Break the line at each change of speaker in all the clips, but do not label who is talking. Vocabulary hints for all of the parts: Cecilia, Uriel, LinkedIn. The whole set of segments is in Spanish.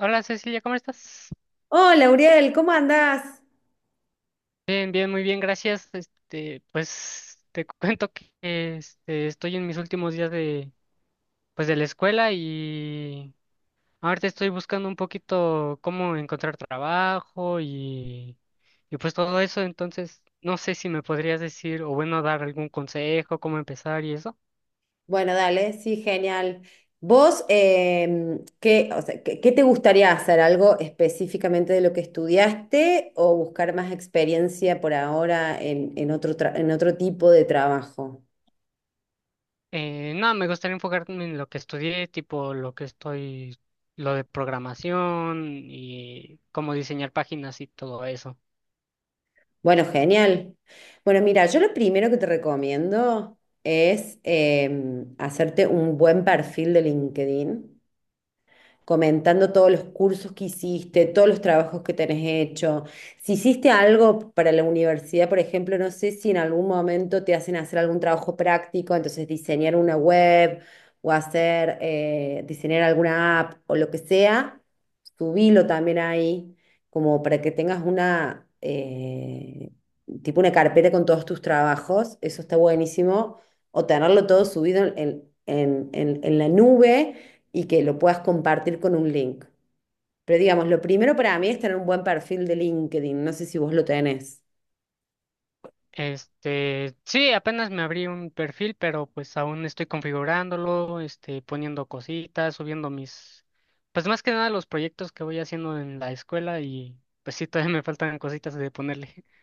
Hola Cecilia, ¿cómo estás?
Hola, Uriel, ¿cómo andás?
Bien, bien, muy bien, gracias. Pues te cuento que estoy en mis últimos días de, pues, de la escuela y ahorita estoy buscando un poquito cómo encontrar trabajo y pues todo eso. Entonces, no sé si me podrías decir o bueno, dar algún consejo, cómo empezar y eso.
Bueno, dale, sí, genial. Vos, ¿qué, o sea, qué, qué te gustaría hacer? ¿Algo específicamente de lo que estudiaste o buscar más experiencia por ahora en otro, en otro tipo de trabajo?
No, me gustaría enfocarme en lo que estudié, tipo lo que estoy, lo de programación y cómo diseñar páginas y todo eso.
Bueno, genial. Bueno, mira, yo lo primero que te recomiendo es hacerte un buen perfil de LinkedIn, comentando todos los cursos que hiciste, todos los trabajos que tenés hecho. Si hiciste algo para la universidad, por ejemplo, no sé si en algún momento te hacen hacer algún trabajo práctico, entonces diseñar una web o hacer, diseñar alguna app o lo que sea, subilo también ahí, como para que tengas una, tipo una carpeta con todos tus trabajos, eso está buenísimo, o tenerlo todo subido en la nube y que lo puedas compartir con un link. Pero digamos, lo primero para mí es tener un buen perfil de LinkedIn. No sé si vos lo tenés.
Sí, apenas me abrí un perfil, pero pues aún estoy configurándolo, poniendo cositas, subiendo mis, pues más que nada los proyectos que voy haciendo en la escuela y pues sí, todavía me faltan cositas de ponerle.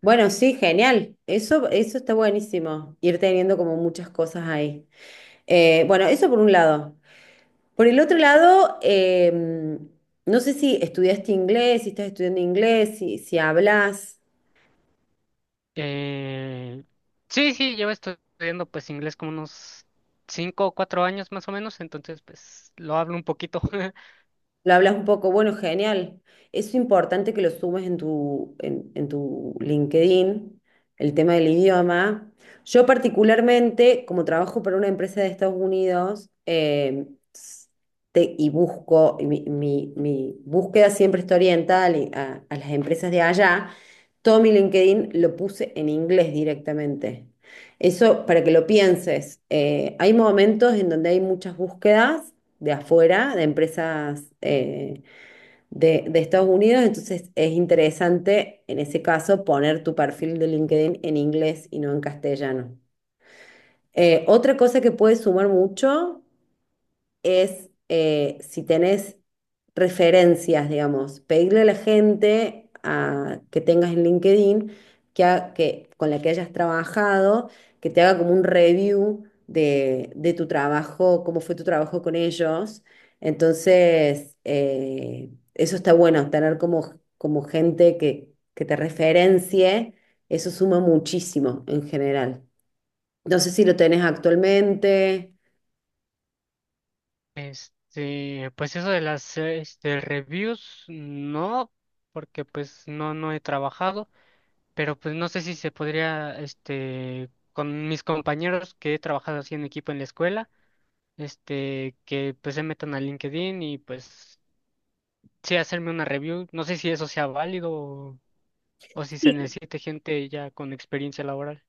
Bueno, sí, genial. Eso está buenísimo. Ir teniendo como muchas cosas ahí. Bueno, eso por un lado. Por el otro lado, no sé si estudiaste inglés, si estás estudiando inglés, si hablas.
Eh, sí, llevo estudiando pues inglés como unos cinco o cuatro años más o menos, entonces pues lo hablo un poquito.
Lo hablas un poco, bueno, genial. Es importante que lo sumes en tu, en tu LinkedIn, el tema del idioma. Yo particularmente, como trabajo para una empresa de Estados Unidos, s- y busco, y mi búsqueda siempre está orientada a las empresas de allá, todo mi LinkedIn lo puse en inglés directamente. Eso para que lo pienses. Hay momentos en donde hay muchas búsquedas de afuera, de empresas de Estados Unidos, entonces es interesante en ese caso poner tu perfil de LinkedIn en inglés y no en castellano. Otra cosa que puede sumar mucho es si tenés referencias, digamos, pedirle a la gente que tengas en LinkedIn que, con la que hayas trabajado, que te haga como un review de tu trabajo, cómo fue tu trabajo con ellos. Entonces, eso está bueno, tener como, como gente que te referencie, eso suma muchísimo en general. No sé si lo tenés actualmente.
Pues eso de las reviews, no, porque pues no, no he trabajado. Pero pues no sé si se podría, con mis compañeros que he trabajado así en equipo en la escuela, que pues se metan a LinkedIn y pues sí hacerme una review. No sé si eso sea válido o si se necesite gente ya con experiencia laboral.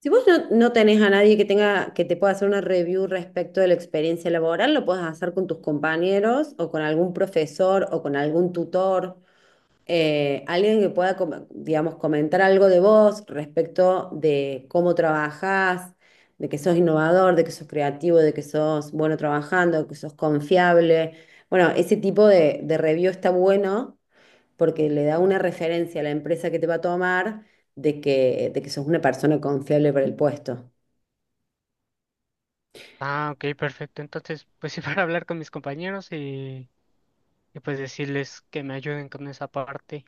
Si vos no tenés a nadie que tenga, que te pueda hacer una review respecto de la experiencia laboral, lo puedes hacer con tus compañeros o con algún profesor o con algún tutor, alguien que pueda, digamos, comentar algo de vos respecto de cómo trabajás, de que sos innovador, de que sos creativo, de que sos bueno trabajando, de que sos confiable. Bueno, ese tipo de review está bueno porque le da una referencia a la empresa que te va a tomar de que sos una persona confiable para el puesto.
Ah, ok, perfecto. Entonces, pues sí, para hablar con mis compañeros y pues decirles que me ayuden con esa parte.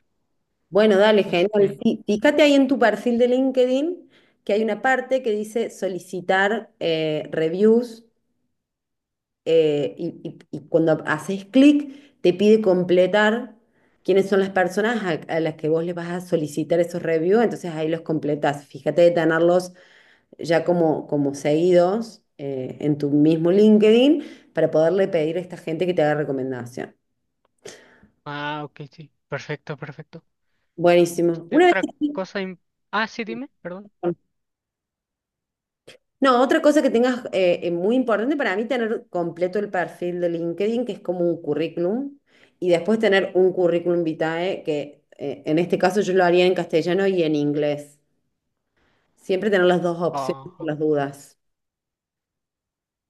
Bueno, dale, genial.
Este,
Sí, fíjate ahí en tu perfil de LinkedIn que hay una parte que dice solicitar reviews, y, y cuando haces clic te pide completar quiénes son las personas a las que vos les vas a solicitar esos reviews, entonces ahí los completas. Fíjate de tenerlos ya como, como seguidos en tu mismo LinkedIn para poderle pedir a esta gente que te haga recomendación.
ah, ok, sí. Perfecto, perfecto.
Buenísimo.
Este,
Una vez
otra
que...
cosa, im- ah, sí, dime, perdón.
No, otra cosa que tengas muy importante para mí, tener completo el perfil de LinkedIn, que es como un currículum, y después tener un currículum vitae, que en este caso yo lo haría en castellano y en inglés. Siempre tener las dos opciones por las dudas.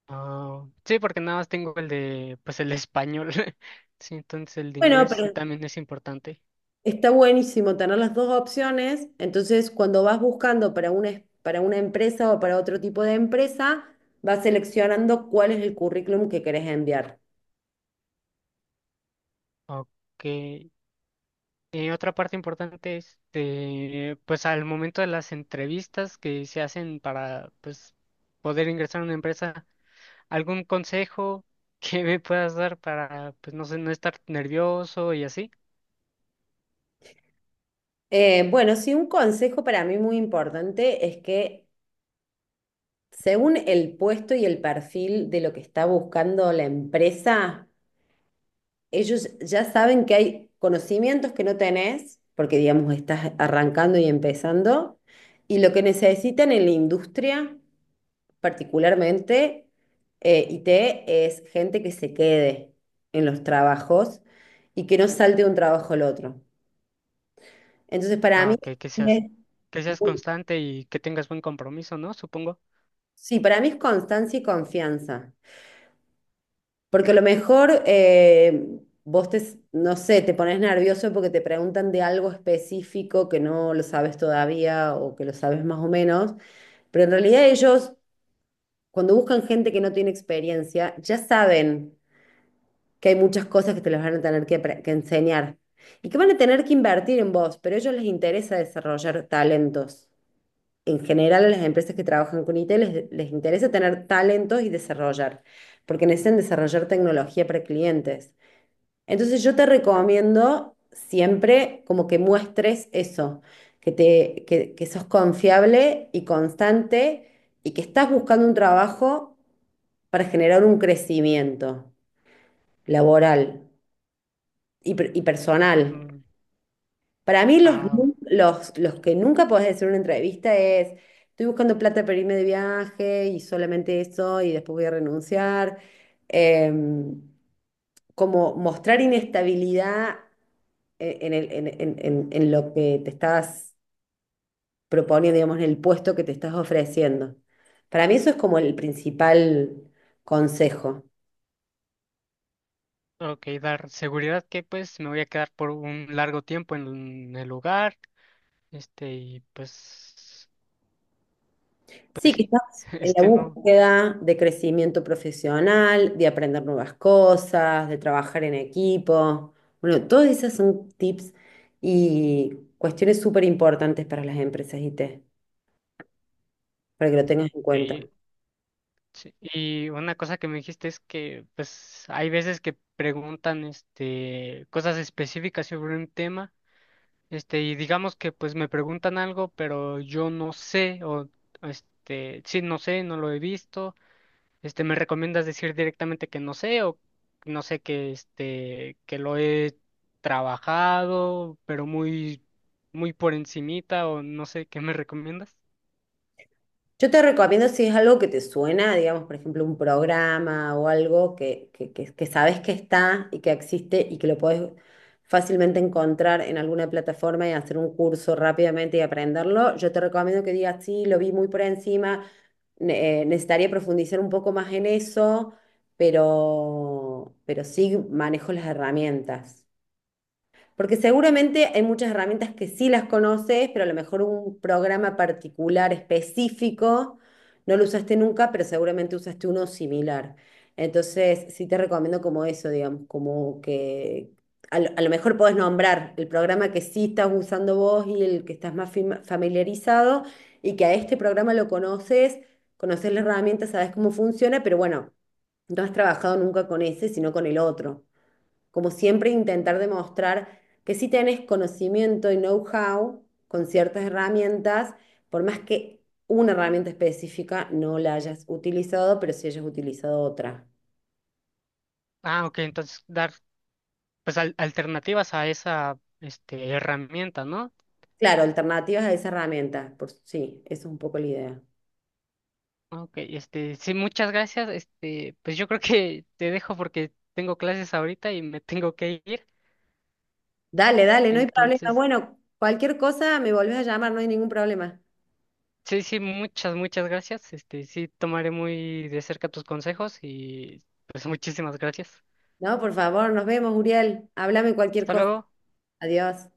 Ah, sí, porque nada más tengo el de, pues el español. Sí, entonces el de
Bueno,
inglés sí
pero
también es importante.
está buenísimo tener las dos opciones, entonces cuando vas buscando para una, para una empresa o para otro tipo de empresa, vas seleccionando cuál es el currículum que querés enviar.
Ok. Y otra parte importante es, de, pues al momento de las entrevistas que se hacen para, pues, poder ingresar a una empresa, ¿algún consejo que me puedas dar para, pues, no sé, no estar nervioso y así?
Bueno, sí, un consejo para mí muy importante es que según el puesto y el perfil de lo que está buscando la empresa, ellos ya saben que hay conocimientos que no tenés, porque digamos estás arrancando y empezando, y lo que necesitan en la industria, particularmente, IT, es gente que se quede en los trabajos y que no salte de un trabajo al otro. Entonces, para
Ah,
mí,
ok,
es
que seas
muy-
constante y que tengas buen compromiso, ¿no? Supongo.
sí, para mí es constancia y confianza. Porque a lo mejor vos no sé, te pones nervioso porque te preguntan de algo específico que no lo sabes todavía o que lo sabes más o menos, pero en realidad ellos, cuando buscan gente que no tiene experiencia, ya saben que hay muchas cosas que te las van a tener que enseñar y que van a tener que invertir en vos, pero a ellos les interesa desarrollar talentos. En general, a las empresas que trabajan con IT les interesa tener talentos y desarrollar, porque necesitan desarrollar tecnología para clientes. Entonces, yo te recomiendo siempre como que muestres eso, que sos confiable y constante y que estás buscando un trabajo para generar un crecimiento laboral y personal.
Mm,
Para mí
ah,
los que nunca podés decir en una entrevista es, estoy buscando plata para irme de viaje y solamente eso y después voy a renunciar. Em, como mostrar inestabilidad e- en el- en lo que te estás proponiendo, digamos, en el puesto que te estás ofreciendo. Para mí eso es como el principal consejo.
Ok, dar seguridad que pues me voy a quedar por un largo tiempo en el lugar, y pues,
Sí,
pues sí,
quizás en la
no.
búsqueda de crecimiento profesional, de aprender nuevas cosas, de trabajar en equipo. Bueno, todas esas son tips y cuestiones súper importantes para las empresas IT, para que lo tengas en cuenta.
Ok, sí. Y una cosa que me dijiste es que pues hay veces que preguntan cosas específicas sobre un tema, y digamos que pues me preguntan algo, pero yo no sé, o sí, no sé, no lo he visto. ¿Me recomiendas decir directamente que no sé o no sé que que lo he trabajado, pero muy por encimita o no sé qué me recomiendas?
Yo te recomiendo si es algo que te suena, digamos, por ejemplo, un programa o algo que sabes que está y que existe y que lo podés fácilmente encontrar en alguna plataforma y hacer un curso rápidamente y aprenderlo. Yo te recomiendo que digas, sí, lo vi muy por encima, necesitaría profundizar un poco más en eso, pero sí manejo las herramientas. Porque seguramente hay muchas herramientas que sí las conoces, pero a lo mejor un programa particular específico no lo usaste nunca, pero seguramente usaste uno similar. Entonces, sí te recomiendo como eso, digamos, como que a a lo mejor podés nombrar el programa que sí estás usando vos y el que estás más familiarizado y que a este programa lo conoces, conoces la herramienta, sabes cómo funciona, pero bueno, no has trabajado nunca con ese, sino con el otro, como siempre intentar demostrar que sí tenés conocimiento y know-how con ciertas herramientas, por más que una herramienta específica no la hayas utilizado, pero sí hayas utilizado otra.
Ah, ok, entonces dar pues alternativas a esa herramienta, ¿no?
Claro, alternativas a esa herramienta, por, sí, eso es un poco la idea.
Ok, sí, muchas gracias. Pues yo creo que te dejo porque tengo clases ahorita y me tengo que ir.
Dale, dale, no hay problema.
Entonces
Bueno, cualquier cosa me volvés a llamar, no hay ningún problema.
sí, sí, muchas, muchas gracias. Sí, tomaré muy de cerca tus consejos y pues muchísimas gracias.
No, por favor, nos vemos, Uriel. Háblame cualquier
Hasta
cosa.
luego.
Adiós.